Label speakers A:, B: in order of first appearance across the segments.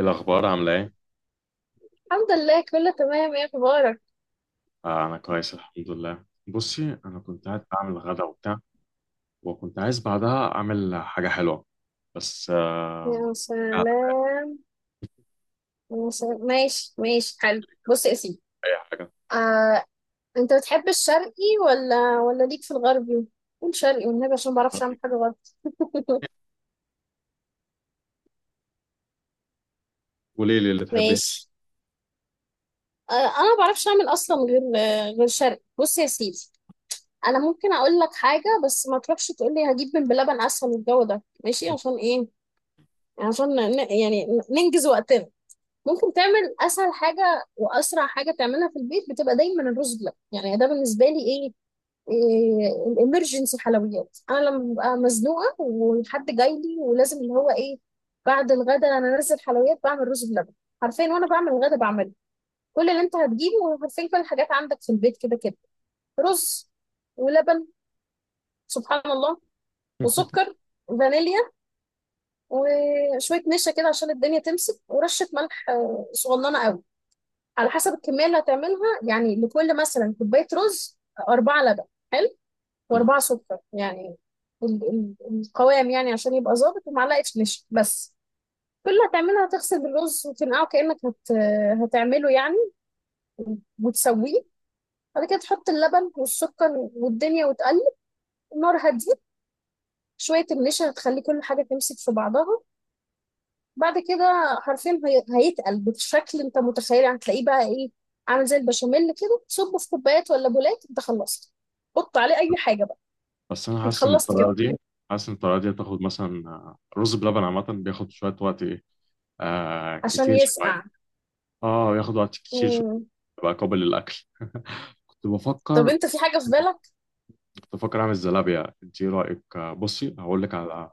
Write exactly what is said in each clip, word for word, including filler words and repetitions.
A: الأخبار عاملة إيه؟
B: الحمد لله، كله تمام. ايه اخبارك؟
A: آه، أنا كويس الحمد لله. بصي، أنا كنت قاعد بعمل غدا وبتاع، وكنت عايز بعدها أعمل حاجة حلوة، بس آه
B: يا
A: قاعد.
B: سلام. يا سلام، ماشي ماشي. حلو، بص يا سيدي.
A: أي حاجة،
B: آه، انت بتحب الشرقي ولا ولا ليك في الغربي؟ قول شرقي والنبي عشان ما بعرفش اعمل حاجه غلط.
A: قولي لي اللي تحبيه.
B: ماشي. آه، انا ما بعرفش اعمل اصلا غير آه، غير شرقي. بص يا سيدي، انا ممكن اقول لك حاجه بس ما تروحش تقول لي هجيب من بلبن اسهل. الجو ده ماشي عشان ايه؟ عشان ن- يعني ننجز وقتنا. ممكن تعمل اسهل حاجه واسرع حاجه تعملها في البيت بتبقى دايما الرز بلبن، يعني ده بالنسبه لي ايه؟ إيه الامرجنسي حلويات انا لما ببقى مزنوقه وحد جاي لي ولازم اللي هو ايه. بعد الغدا انا انزل حلويات، بعمل رز بلبن حرفيا وانا بعمل الغدا بعمله. كل اللي انت هتجيبه حرفيا كل الحاجات عندك في البيت كده كده. رز ولبن، سبحان الله، وسكر، فانيليا، وشويه نشا كده عشان الدنيا تمسك، ورشه ملح آه، صغننه قوي. على حسب الكمية اللي هتعملها، يعني لكل مثلا كوباية رز أربعة لبن، حلو، وأربعة سكر، يعني ال- ال- القوام يعني عشان يبقى ظابط، ومعلقة نشا بس. كل اللي هتعملها هتغسل الرز وتنقعه كأنك هت... هتعمله يعني وتسويه. بعد كده تحط اللبن والسكر والدنيا وتقلب. النار هتزيد، شوية النشا هتخلي كل حاجة تمسك في بعضها. بعد كده حرفيا هي- هيتقل بالشكل انت متخيل، يعني هتلاقيه بقى ايه، عامل زي البشاميل كده. تصبه في كوبايات ولا بولات، انت خلصت. حط عليه اي حاجه بقى،
A: بس أنا
B: انت
A: حاسس إن
B: خلصت كده.
A: الطريقة دي حاسس إن الطريقة دي هتاخد مثلا، آه، رز بلبن عامة بياخد شوية وقت، إيه آه،
B: عشان
A: كتير شوية،
B: يسقع.
A: آه بياخد وقت كتير شوية
B: مم.
A: بقى قابل للأكل. كنت
B: طب
A: بفكر
B: انت في حاجه في بالك؟
A: كنت بفكر أعمل زلابية. إنتي إيه رأيك؟ آه، بصي هقول لك على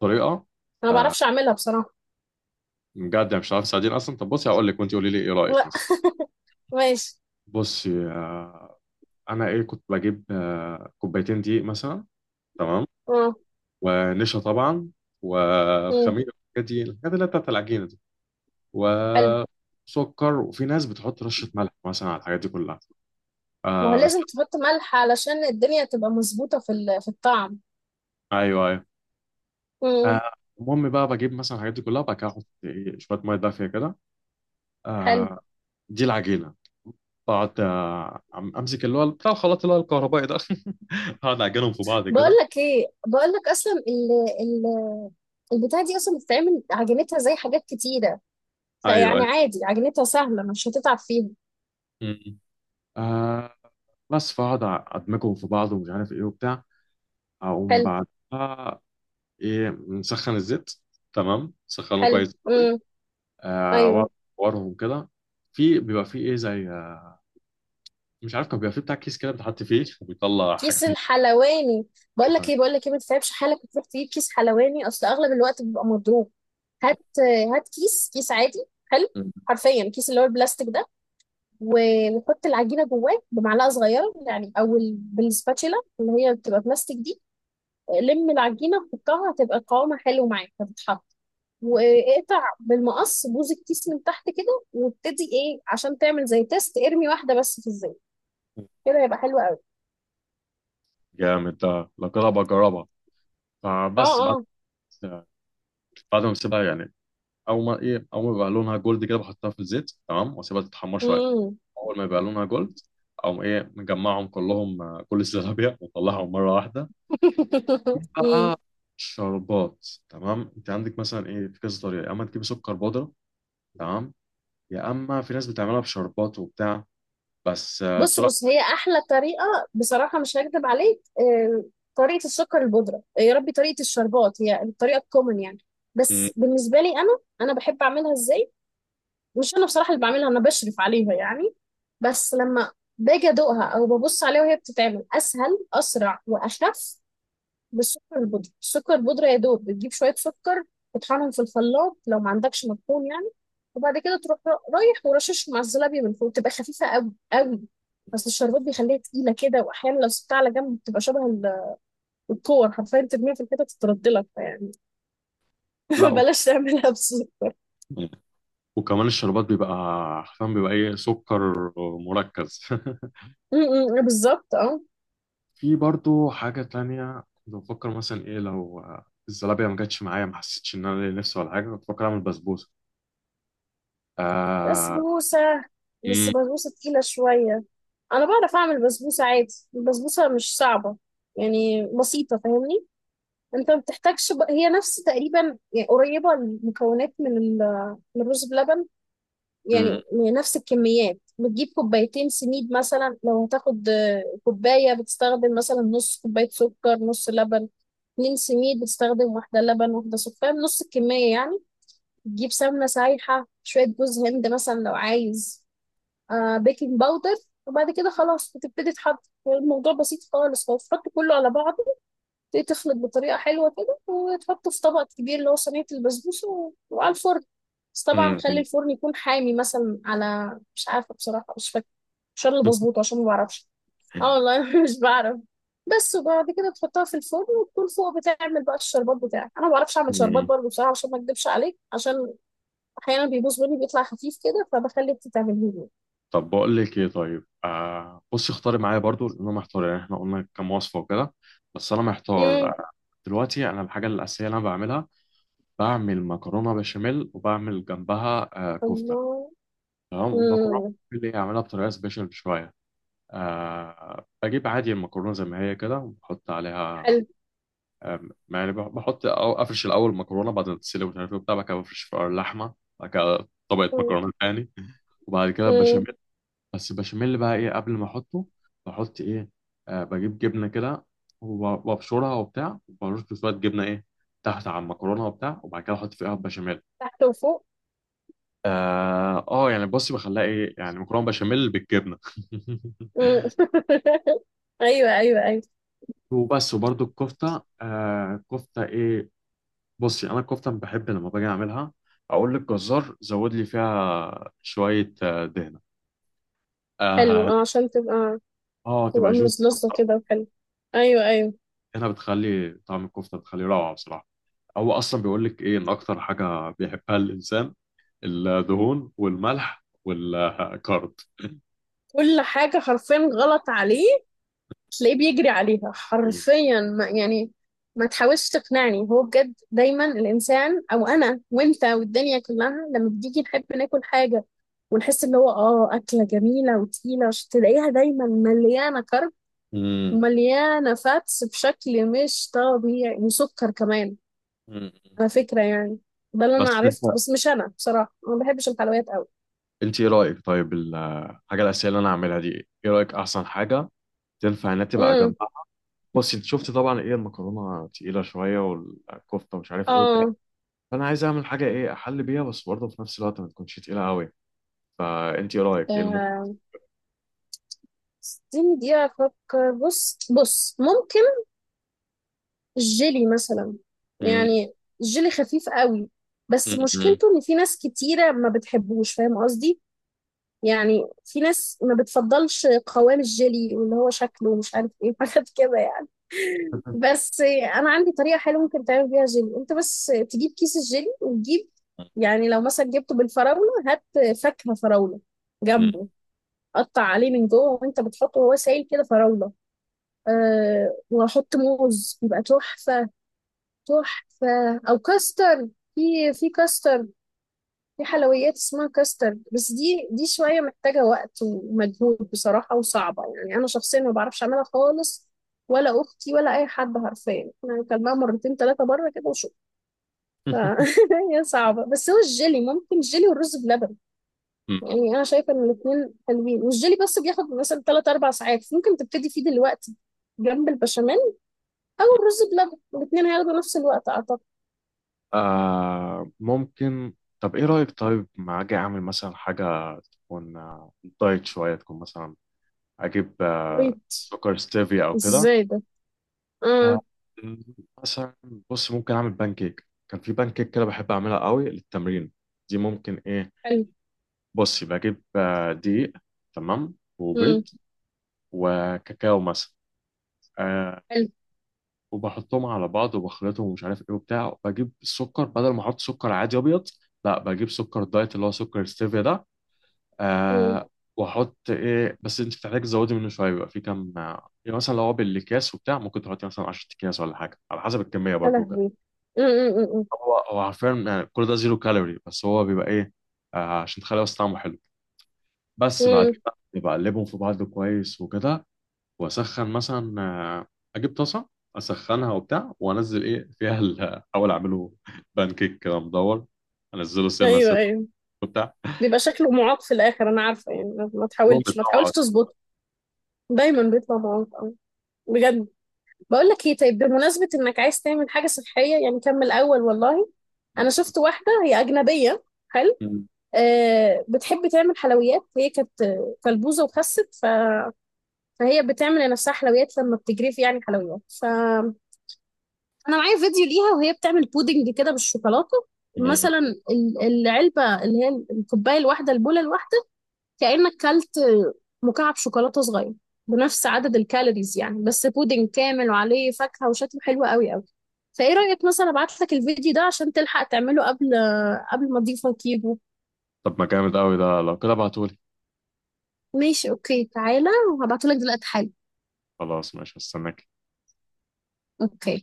A: طريقة.
B: انا ما بعرفش اعملها بصراحه.
A: بجد يعني مش عارف تساعديني اصلا. طب بصي هقول لك، وانت قولي لي ايه رايك
B: لا،
A: مثلا.
B: ماشي.
A: بصي آه، انا ايه كنت بجيب آه، كوبايتين دقيق مثلا. تمام.
B: اه.
A: ونشا طبعا،
B: مم.
A: وخميره، الحاجات دي، الحاجات اللي هي بتاعت العجينه دي،
B: حلو.
A: وسكر. وفي ناس بتحط رشه ملح مثلا على الحاجات دي كلها.
B: ما هو
A: آه س-
B: لازم تحط ملح علشان الدنيا تبقى مظبوطه في ال- في الطعم.
A: ايوه ايوه.
B: مم.
A: آه، المهم بقى بجيب مثلا الحاجات دي كلها، وبعد كده احط ايه شويه ميه دافيه كده.
B: حلو.
A: آه. دي العجينه. بقعد آه، أم- امسك اللي هو بتاع الخلاط اللي هو الكهربائي ده. اقعد اعجنهم في بعض
B: بقول
A: كده.
B: لك ايه، بقول لك اصلا ال- ال- البتاعه دي اصلا بتتعمل عجينتها زي حاجات كتيره،
A: ايوه
B: فيعني
A: أيوه.
B: عادي عجينتها سهلة، مش هتتعب فيها.
A: مم. آه. بس فاقعد ادمجهم في بعض، ومش عارف ايه وبتاع. اقوم
B: حلو.
A: بعدها ايه، نسخن الزيت. تمام، سخنه
B: حلو.
A: كويس قوي.
B: امم.
A: آه، واقعد
B: ايوه.
A: اورهم كده. في بيبقى فيه ايه، زي آه، مش عارف. كان بيبقى فيه بتاع كيس كده بتحط فيه وبيطلع حاجات
B: كيس الحلواني. بقول لك
A: مختلفة.
B: ايه، بقول لك ايه ما تتعبش حالك وتروح تجيب كيس حلواني، اصل اغلب الوقت بيبقى مضروب. هات هات كيس، كيس عادي. حلو.
A: مم.
B: حرفيا كيس اللي هو البلاستيك ده، و- وحط العجينه جواه بمعلقه صغيره يعني او ال- بالسباتشيلا اللي هي بتبقى بلاستيك دي. لم العجينه، حطها، هتبقى قوامها حلو معاك، هتتحط. واقطع بالمقص بوز الكيس من تحت كده وابتدي ايه، عشان تعمل زي تيست ارمي واحده بس في الزيت، كده يبقى حلو قوي.
A: جامد ده، لو كده بجربها.
B: اه
A: فبس بعد
B: اه.
A: بعد ما بسيبها يعني، اول ما ايه، اول ما بيبقى لونها جولد كده بحطها في الزيت. تمام، واسيبها تتحمر شويه.
B: مم.
A: اول ما يبقى لونها جولد، اقوم ايه مجمعهم كلهم، آه، كل الزلابيا وطلعهم مره واحده. في
B: مم.
A: بقى شربات. تمام، انت عندك مثلا ايه في كذا طريقه. يا اما تجيب سكر بودره، تمام، يا اما في ناس بتعملها بشربات وبتاع. بس آه،
B: بص
A: بصراحه،
B: بص، هي احلى طريقه بصراحه، مش هكدب عليك. آه، طريقه السكر البودره. آه، يا ربي، طريقه الشربات هي الطريقه الكومن يعني.
A: مم،
B: بس بالنسبه لي انا، انا بحب اعملها ازاي؟ مش انا بصراحه اللي بعملها، انا بشرف عليها يعني، بس لما باجي ادوقها او ببص عليها وهي بتتعمل اسهل اسرع واخف. بالسكر البودرة. السكر البودرة يا دوب بتجيب شوية سكر، تطحنهم في الخلاط لو ما عندكش مطحون يعني، وبعد كده تروح ر- رايح ورشش مع الزلابية من فوق، تبقى خفيفة قوي قوي. بس الشربات بيخليها تقيلة كده، وأحيانا لو سبتها على جنب بتبقى شبه ال- الكور حرفيا، ترميها في الحتة تتردلك فيعني.
A: لا. و-
B: بلاش تعملها بسكر.
A: وكمان الشربات بيبقى حرفيا، بيبقى ايه، سكر مركز.
B: م- م- بالظبط، اه.
A: في برضو حاجه تانية كنت بفكر مثلا ايه، لو آه، الزلابيه ما جاتش معايا، ما حسيتش ان انا ليا نفسي ولا حاجه، كنت بفكر اعمل بسبوسه. آه.
B: بسبوسة. بس بسبوسة تقيلة شوية. أنا بعرف أعمل بسبوسة عادي، البسبوسة مش صعبة، يعني بسيطة، فاهمني؟ انت ما بتحتاجش بق- هي نفس تقريبا يعني، قريبه المكونات من ال- من الرز بلبن.
A: مم.
B: يعني نفس الكميات. بتجيب كوبايتين سميد مثلا، لو هتاخد آه، كوبايه بتستخدم مثلا نص كوبايه سكر، نص لبن. اتنين سميد بتستخدم واحده لبن واحده سكر، نص الكميه يعني. تجيب سمنه سايحه، شويه جوز هند مثلا لو عايز، آه، بيكنج باودر، وبعد كده خلاص بتبتدي تحط. الموضوع بسيط خالص، هو تحط كله على بعضه، تبتدي تخلط بطريقة حلوة كده وتحطه في طبق كبير اللي هو صينية البسبوسة و- وعلى الفرن. بس طبعا خلي
A: مم.
B: الفرن يكون حامي مثلا على مش عارفة بصراحة، مش فاكرة. مش أنا اللي بظبطه عشان ما بعرفش. اه والله، أنا مش بعرف. بس وبعد كده تحطها في الفرن وتكون فوق. بتعمل بقى الشربات بتاعك، انا ما بعرفش اعمل شربات
A: مم.
B: برضه بصراحه، عشان ما اكدبش عليك، عشان احيانا بيبوظ مني، بيطلع خفيف كده، فبخلي انت تعمليه لي.
A: طب بقول لك ايه، طيب آه، بصي اختاري معايا برضو لان انا محتار. يعني احنا قلنا كام وصفه وكده. بس انا محتار.
B: امم.
A: آه، دلوقتي، انا الحاجه الاساسيه اللي انا بعملها، بعمل مكرونه بشاميل وبعمل جنبها آه كفته.
B: الله.
A: تمام، المكرونه
B: امم.
A: اللي هي اعملها بطريقه سبيشال شويه. آه، بجيب عادي المكرونه زي ما هي كده، وبحط عليها
B: حلو.
A: أم، يعني بح- بحط أو أفرش الأول مكرونة بعد ما تتسلق، ومش عارف إيه وبتاع. بعد كده بفرش فوقها اللحمة. بعد كده طبقة مكرونة تاني، وبعد كده
B: امم.
A: بشاميل. بس البشاميل بقى إيه قبل ما أحطه؟ بحط إيه؟ آه، بجيب جبنة كده، وب- وأبشرها وبتاع. وبرش شوية جبنة إيه تحت على المكرونة وبتاع، وبعد كده أحط فيها البشاميل.
B: تحت وفوق.
A: آه, آه يعني بصي بخليها إيه، يعني مكرونة بشاميل بالجبنة.
B: مم. ايوه ايوه ايوه.
A: وبس. وبرده الكفتة، آه كفتة إيه؟ بصي انا الكفته بحب لما باجي اعملها، اقول للجزار زود لي فيها شويه آه، دهنه. اه.
B: حلو اه، عشان تبقى
A: آه،
B: تبقى
A: تبقى جوز
B: ملزلزه
A: بصراحه.
B: كده، وحلو. ايوه ايوه.
A: الدهنه بتخلي طعم الكفته بتخليه روعه بصراحه. هو اصلا بيقول لك ايه، ان اكتر حاجه بيحبها الانسان، الدهون والملح والكارد.
B: كل حاجه حرفيا غلط عليه، تلاقيه بيجري عليها حرفيا ما يعني. ما تحاولش تقنعني، هو بجد دايما الانسان، او انا وانت والدنيا كلها، لما بتيجي نحب ناكل حاجه ونحس ان هو اه اكله جميله وتقيله، عشان تلاقيها دايما مليانه كرب
A: امم.
B: ومليانه فاتس بشكل مش طبيعي، وسكر كمان على فكرة يعني. ده اللي أنا
A: بس انت
B: عرفت، بس مش أنا بصراحة، أنا ما بحبش الحلويات أوي.
A: انت ايه رايك، طيب الحاجه الاساسيه اللي انا اعملها دي، ايه إيه رايك احسن حاجه تنفع انها تبقى
B: امم.
A: جنبها؟ بص انت شفت طبعا ايه، المكرونه تقيله شويه والكفته مش عارف ايه،
B: آه.
A: فانا عايز اعمل حاجه ايه احل بيها، بس برضه في نفس الوقت ما تكونش تقيله قوي. فانت ايه رايك، ايه اللي ممكن؟
B: آه، اديني دقيقة أفكر. بص بص، ممكن الجيلي مثلا،
A: مم.
B: يعني الجيلي خفيف قوي، بس
A: مم.
B: مشكلته إن في ناس كتيرة ما بتحبوش، فاهم قصدي؟ يعني في ناس ما بتفضلش قوام الجيلي واللي هو شكله ومش عارف ايه، حاجات كده يعني. بس انا عندي طريقه حلوه ممكن تعمل بيها جيلي، انت بس تجيب كيس الجيلي وتجيب، يعني لو مثلا جبته بالفراوله هات فاكهه فراوله
A: مم.
B: جنبه، قطع عليه من جوه وانت بتحطه وهو سايل كده، فراوله، أه، وحط موز، يبقى تحفه. تحفه او كاستر. في في كاستر، في حلويات اسمها كاسترد، بس دي دي شوية محتاجة وقت ومجهود بصراحة، وصعبة يعني. أنا شخصيا ما بعرفش أعملها خالص، ولا أختي، ولا أي حد. حرفيا أنا أكلناها مرتين ثلاثة بره كده وشو ف... هي صعبة. بس هو الجيلي ممكن، جيلي والرز بلبن،
A: مم.
B: يعني أنا شايفة إن الاتنين حلوين. والجيلي بس بياخد مثلا ثلاث أربع ساعات، ممكن تبتدي فيه دلوقتي جنب البشاميل أو الرز بلبن، الاتنين هياخدوا نفس الوقت أعتقد.
A: آه ممكن. طب ايه رايك، طيب ما اجي اعمل مثلا حاجه تكون آه، دايت شويه، تكون مثلا اجيب آه
B: طيب،
A: سكر ستيفيا او كده.
B: إزاي ده؟ آه.
A: آه، مثلا، بص ممكن اعمل بان كيك. كان في بان كيك كده بحب اعملها قوي للتمرين، دي ممكن ايه.
B: حلو.
A: بصي بجيب آه، دقيق، تمام،
B: مم.
A: وبيض، وكاكاو مثلا. آه
B: حلو.
A: وبحطهم على بعض وبخلطهم، ومش عارف ايه وبتاع. بجيب السكر بدل ما احط سكر عادي ابيض، لا بجيب سكر دايت اللي هو سكر ستيفيا ده.
B: مم.
A: آه. واحط ايه، بس انت بتحتاج تزودي منه شويه، بيبقى في كام، آه، يعني مثلا لو هو بالاكياس وبتاع ممكن تحطي مثلا عشرة اكياس ولا حاجه، على حسب الكميه
B: يا
A: برضو كده.
B: لهوي. م- م- م-
A: هو هو حرفيا يعني كل ده زيرو كالوري، بس هو بيبقى ايه آه عشان تخلي بس طعمه حلو.
B: م.
A: بس بعد
B: م.
A: كده بقلبهم في بعض كويس وكده. واسخن مثلا آه، اجيب طاسه، اسخنها وبتاع، وانزل ايه فيها ال- احاول اعمله بان كيك كده مدور، انزله سنه
B: ايوه
A: سنه
B: ايوه.
A: وبتاع.
B: بيبقى شكله معاق في الاخر انا عارفه يعني، ما ما
A: المهم
B: تحاولش ما تحاولش
A: طبعا.
B: تظبطه، دايما بيطلع معاق أوي. بجد. بقول لك ايه، طيب بمناسبه انك عايز تعمل حاجه صحيه يعني، كمل اول والله. انا شفت واحده هي اجنبيه، حلو، أه، بتحب تعمل حلويات، هي كانت آه، كلبوزه وخست ف... فهي بتعمل لنفسها حلويات لما بتجري في يعني حلويات. انا معايا فيديو ليها وهي بتعمل بودنج كده بالشوكولاته مثلا. ال- العلبه اللي هي الكوبايه الواحده، البوله الواحده، كانك كلت مكعب شوكولاته صغير بنفس عدد الكالوريز يعني، بس بودنج كامل وعليه فاكهه وشكله حلو قوي قوي. فايه رايك مثلا ابعت لك الفيديو ده عشان تلحق تعمله قبل، قبل ما اضيفه كيبو.
A: طب ما جامد قوي ده، لو كده ابعتهولي.
B: ماشي، اوكي، تعالى وهبعته لك دلوقتي حالا.
A: خلاص ماشي، هستناك.
B: اوكي.